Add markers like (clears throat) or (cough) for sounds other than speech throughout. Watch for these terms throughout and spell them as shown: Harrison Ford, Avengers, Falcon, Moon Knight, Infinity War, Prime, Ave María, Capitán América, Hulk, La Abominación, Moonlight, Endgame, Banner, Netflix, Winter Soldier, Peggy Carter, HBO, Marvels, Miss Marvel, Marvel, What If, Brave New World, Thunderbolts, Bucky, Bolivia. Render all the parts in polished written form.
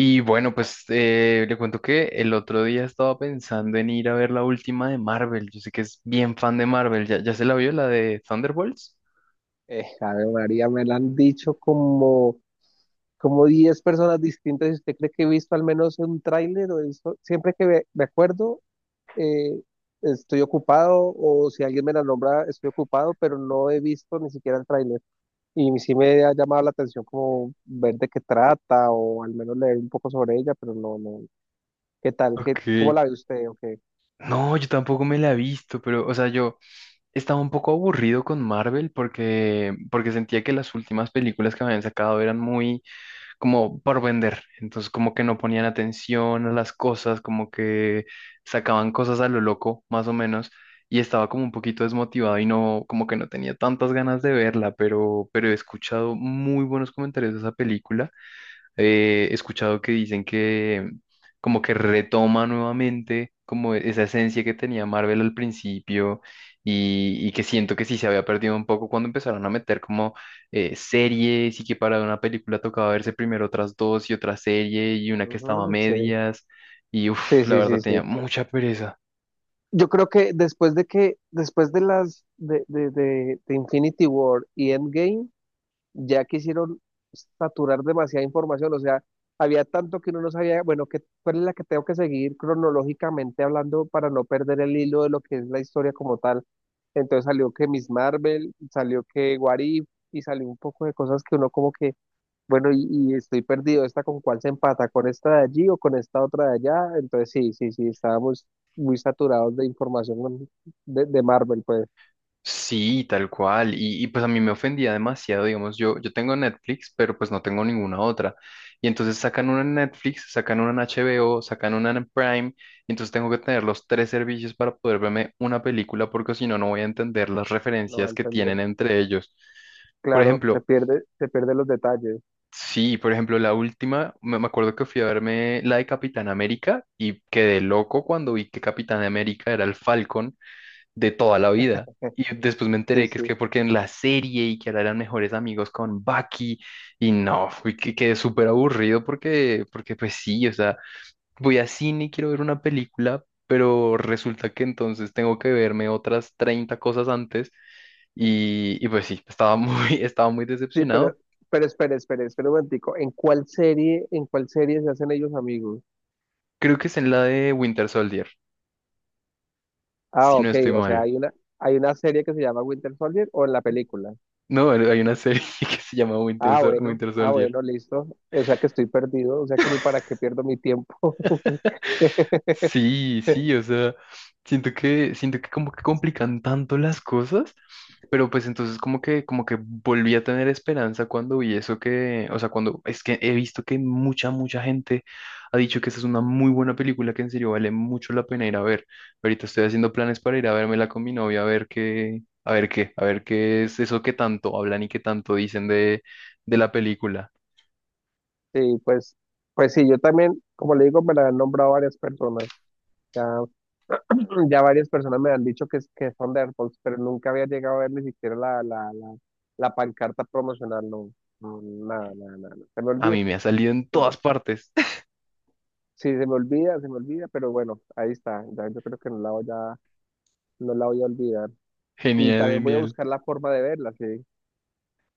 Y bueno, pues le cuento que el otro día estaba pensando en ir a ver la última de Marvel. Yo sé que es bien fan de Marvel. ¿Ya se la vio la de Thunderbolts? Ave María, me la han dicho como, como 10 personas distintas. ¿Y usted cree que he visto al menos un tráiler o eso? Siempre que me acuerdo, eh, estoy ocupado. O si alguien me la nombra, estoy ocupado, pero no he visto ni siquiera el tráiler. Y sí me ha llamado la atención como ver de qué trata o al menos leer un poco sobre ella, pero no, no. ¿Qué tal? ¿Qué, Ok. cómo la ve usted? Okay. No, yo tampoco me la he visto, pero, o sea, yo estaba un poco aburrido con Marvel porque sentía que las últimas películas que me habían sacado eran muy como por vender. Entonces, como que no ponían atención a las cosas, como que sacaban cosas a lo loco, más o menos, y estaba como un poquito desmotivado y no, como que no tenía tantas ganas de verla, pero he escuchado muy buenos comentarios de esa película. He escuchado que dicen que como que retoma nuevamente como esa esencia que tenía Marvel al principio y que siento que sí se había perdido un poco cuando empezaron a meter como series y que para una película tocaba verse primero otras dos y otra serie y una que estaba a Ujú, sí, medias y sí, uff, la sí, verdad sí, tenía sí. mucha pereza. Yo creo que después de las de Infinity War y Endgame, ya quisieron saturar demasiada información. O sea, había tanto que uno no sabía, bueno, que cuál es la que tengo que seguir cronológicamente hablando para no perder el hilo de lo que es la historia como tal. Entonces salió que Miss Marvel, salió que What If, y salió un poco de cosas que uno como que bueno, y estoy perdido. ¿Esta con cuál se empata? ¿Con esta de allí o con esta otra de allá? Entonces, sí, sí, sí, estábamos muy saturados de información de Marvel, pues, Sí, tal cual. Pues a mí me ofendía demasiado, digamos, yo tengo Netflix, pero pues no tengo ninguna otra. Y entonces sacan una en Netflix, sacan una en HBO, sacan una en Prime, y entonces tengo que tener los tres servicios para poder verme una película, porque si no, no voy a entender las no va a referencias que entender. tienen entre ellos. Por Claro, ejemplo, se pierde los detalles. sí, por ejemplo, la última, me acuerdo que fui a verme la de Capitán América y quedé loco cuando vi que Capitán América era el Falcon de toda la vida. Y después me Sí, enteré que es sí. que porque en la serie y que ahora eran mejores amigos con Bucky y no, fui que quedé súper aburrido porque pues sí, o sea, voy a cine y quiero ver una película, pero resulta que entonces tengo que verme otras 30 cosas antes pues sí, estaba muy, (laughs) estaba muy Sí, decepcionado. pero espere, espere, espere un momentico. En cuál serie se hacen ellos amigos? Creo que es en la de Winter Soldier, Ah, si no ok, estoy o sea, mal. Hay una serie que se llama Winter Soldier o en la película. No, hay una serie (laughs) que se llama Ah, bueno, Winter ah, Soldier. bueno, listo. O sea que estoy perdido, o sea que ni para qué pierdo mi tiempo. (laughs) Sí, sí, o sea, siento que como que complican tanto las cosas, pero pues entonces como que volví a tener esperanza cuando vi eso que, o sea, cuando es que he visto que mucha gente ha dicho que esa es una muy buena película que en serio vale mucho la pena ir a ver. Ahorita estoy haciendo planes para ir a vérmela con mi novia a ver qué, a ver qué, a ver qué es eso que tanto hablan y que tanto dicen de la película. Sí, pues, pues sí, yo también, como le digo, me la han nombrado varias personas. Ya, (clears throat) ya varias personas me han dicho que son de AirPods, pero nunca había llegado a ver ni siquiera la pancarta promocional, no, no, nada, nada, nada, nada. Se me A olvida, mí me ha salido en se me- todas partes. (laughs) sí, se me olvida, pero bueno, ahí está, ya, yo creo que no la voy a olvidar. Y Genial, también voy a genial. buscar la forma de verla, sí.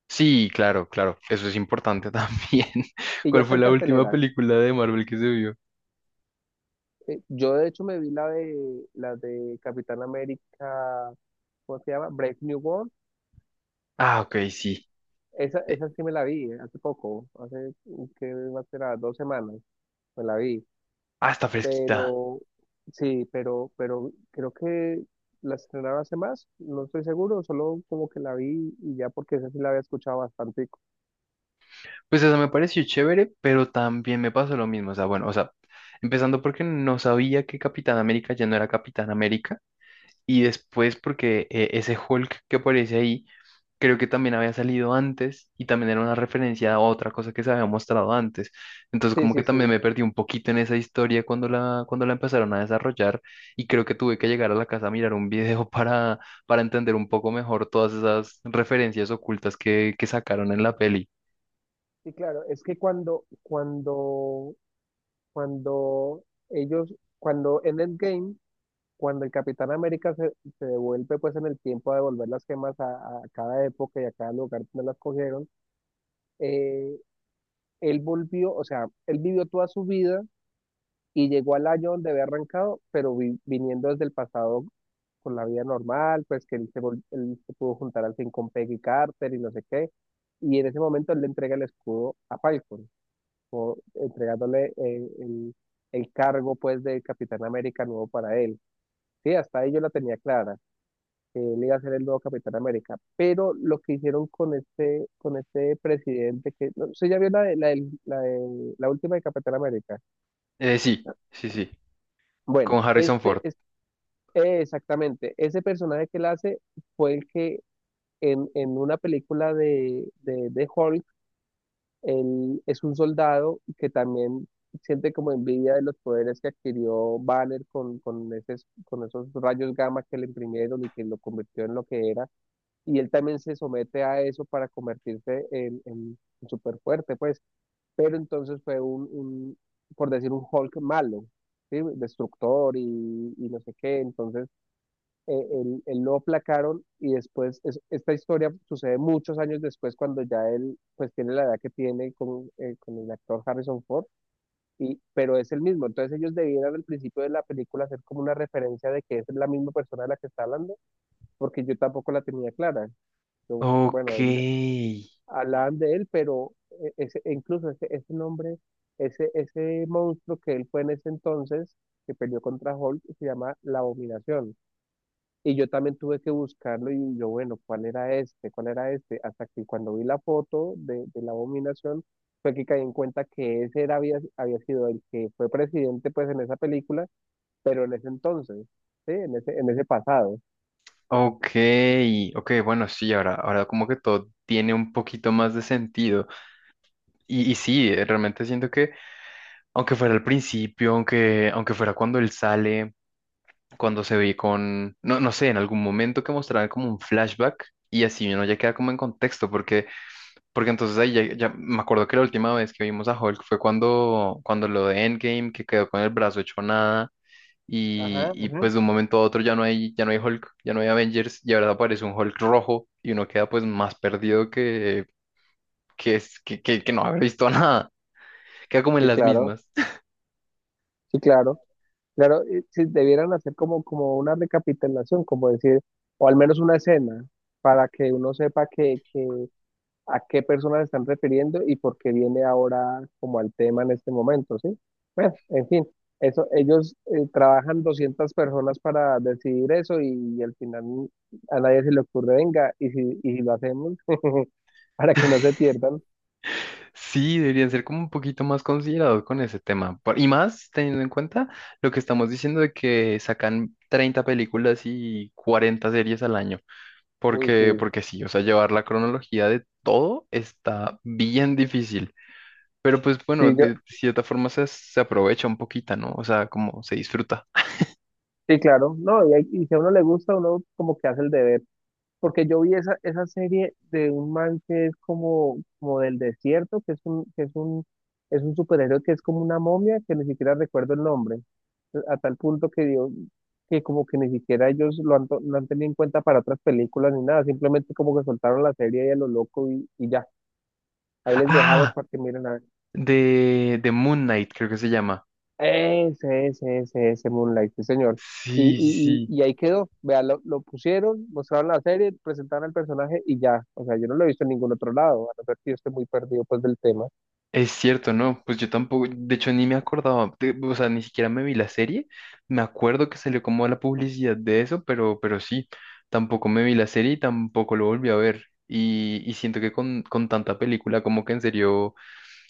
Sí, claro, claro. Eso es importante también. (laughs) Y ya ¿Cuál está fue en la última cartelera. película de Marvel que se vio? Yo de hecho me vi la la de Capitán América, ¿cómo se llama? Brave New World. Ah, ok, sí. Esa, Eh, esa sí me la vi hace poco, hace que va a ser a 2 semanas, me la vi, ah, está fresquita. pero sí, pero creo que la estrenaron hace más, no estoy seguro, solo como que la vi y ya porque esa sí la había escuchado bastante. Pues eso me pareció chévere, pero también me pasó lo mismo. O sea, bueno, o sea, empezando porque no sabía que Capitán América ya no era Capitán América. Y después porque ese Hulk que aparece ahí. Creo que también había salido antes y también era una referencia a otra cosa que se había mostrado antes. Entonces Sí, como sí, que también sí. me perdí un poquito en esa historia cuando la empezaron a desarrollar y creo que tuve que llegar a la casa a mirar un (laughs) para entender un poco mejor todas esas referencias ocultas que sacaron en la peli. Sí, claro, es que cuando ellos, cuando en Endgame, cuando el Capitán América se, se devuelve pues en el tiempo a devolver las gemas a cada época y a cada lugar donde las cogieron, eh, él volvió, o sea, él vivió toda su vida y llegó al año donde había arrancado, pero viniendo desde el pasado con la vida normal, pues que él se pudo juntar al fin con Peggy Carter y no sé qué. Y en ese momento él le entrega el escudo a Falcon, o entregándole el cargo pues de Capitán América nuevo para él. Sí, hasta ahí yo la tenía clara que él iba a ser el nuevo Capitán América. Pero lo que hicieron con este presidente, que no sé, ya vio la, de- la, del- la, del- la última de Capitán América. Sí, con Bueno, Harrison este Ford. es exactamente, ese personaje que él hace fue el que en una película de Hulk, él es un soldado que también siente como envidia de los poderes que adquirió Banner con esos rayos gamma que le imprimieron y que lo convirtió en lo que era. Y él también se somete a eso para convertirse en, en súper fuerte, pues, pero entonces fue por decir, un Hulk malo, ¿sí? Destructor y no sé qué. Entonces él lo aplacaron y después, esta historia sucede muchos años después cuando ya él, pues, tiene la edad que tiene con el actor Harrison Ford, y, pero es el mismo. Entonces ellos debieran al principio de la película hacer como una referencia de que es la misma persona de la que está hablando, porque yo tampoco la tenía clara. Yo, bueno, Ok, él hablaban de él, pero ese, e incluso ese, ese nombre, ese monstruo que él fue en ese entonces, que peleó contra Hulk, se llama La Abominación. Y yo también tuve que buscarlo y yo, bueno, ¿cuál era este? ¿Cuál era este? Hasta que cuando vi la foto de La Abominación, fue que caí en cuenta que ese era, había, había sido el que fue presidente pues en esa película, pero en ese entonces, ¿sí? En ese pasado. ok, ok, bueno, sí, ahora como que todo tiene un poquito más de sentido. Y sí, realmente siento que aunque fuera al principio, aunque fuera cuando él sale, cuando se ve con, no, no sé, en algún momento que mostraran como un flashback y así uno ya queda como en contexto, porque entonces ahí ya me acuerdo que la última vez que vimos a Hulk fue cuando lo de Endgame, que quedó con el brazo hecho nada Ajá, ajá. pues de un momento a otro ya no hay Hulk, ya no hay Avengers y ahora aparece un Hulk rojo y uno queda pues más perdido que, es- que no haber visto (laughs) nada, queda como en Sí, las claro, mismas. sí, claro. Claro, y si debieran hacer como, como una recapitulación, como decir, o al menos una escena, para que uno sepa a qué personas se están refiriendo y por qué viene ahora como al tema en este momento, ¿sí? Bueno, en fin, eso, ellos trabajan 200 personas para decidir eso y, al final a nadie se le ocurre, venga, y si lo hacemos, (laughs) para que no se pierdan. Sí, deberían ser como un poquito más considerados con ese tema. Y más teniendo en cuenta lo que estamos diciendo de que sacan 30 películas y 40 series al año. Uy, sí, Porque sí, o sea, llevar la cronología de todo está bien difícil. Pero pues bueno, sí, yo, de cierta forma se, se aprovecha un poquito, ¿no? O sea, como se disfruta. sí, claro, no, y, y si a uno le gusta, uno como que hace el deber. Porque yo vi esa, esa serie de un man que es como, como del desierto, que es es un superhéroe que es como una momia, que ni siquiera recuerdo el nombre, a tal punto que dio, que como que ni siquiera ellos lo han, lo han tenido en cuenta para otras películas ni nada, simplemente como que soltaron la serie y a lo loco y ya, ahí les dejamos Ah, para que miren a ver. De Moon Knight creo que se llama. Ese Moonlight, sí, señor. Y, Sí, sí, y, sí. y, y ahí quedó. Vea, lo pusieron, mostraron la serie, presentaron al personaje y ya. O sea, yo no lo he visto en ningún otro lado, a no ser que yo esté muy perdido pues del tema. Es cierto, ¿no? Pues yo tampoco, de hecho ni me acordaba, o sea, ni siquiera me vi la serie, me acuerdo que salió como la publicidad de eso, pero sí, tampoco me vi la serie y tampoco lo volví a ver. Y siento que con tanta película, como que en serio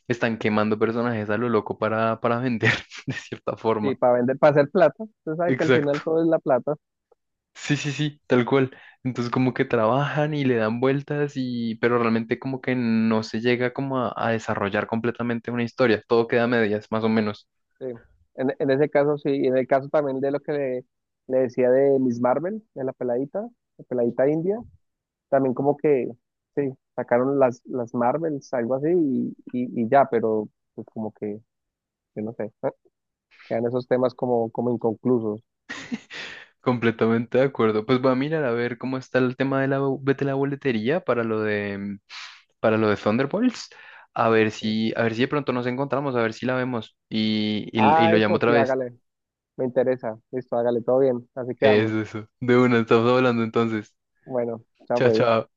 están quemando personajes a lo loco para vender, (laughs) de cierta Sí, forma. para vender, para hacer plata. Usted sabe que al final Exacto. todo es la plata. Sí, sí, sí, tal cual. Entonces como que trabajan y le dan vueltas y pero realmente como que no se llega como a desarrollar completamente una historia. Todo queda a medias, más o menos. Sí. En ese caso sí, y en el caso también de lo que le decía de Miss Marvel, de la peladita india. También como que, sí, sacaron las Marvels, algo así, y ya, pero pues como que, yo no sé, ¿eh? Quedan esos temas como, como inconclusos. Completamente de acuerdo. Pues voy a mirar a ver cómo está el tema de de la boletería para lo de para lo de Thunderbolts. ¿Sí? A ver si de pronto nos encontramos, a ver si la vemos y Ah, lo llamo eso otra sí, vez. hágale, me interesa, listo, hágale, todo bien, así Es quedamos. eso. De una, estamos hablando entonces. Bueno, ya Chao, pues. chao.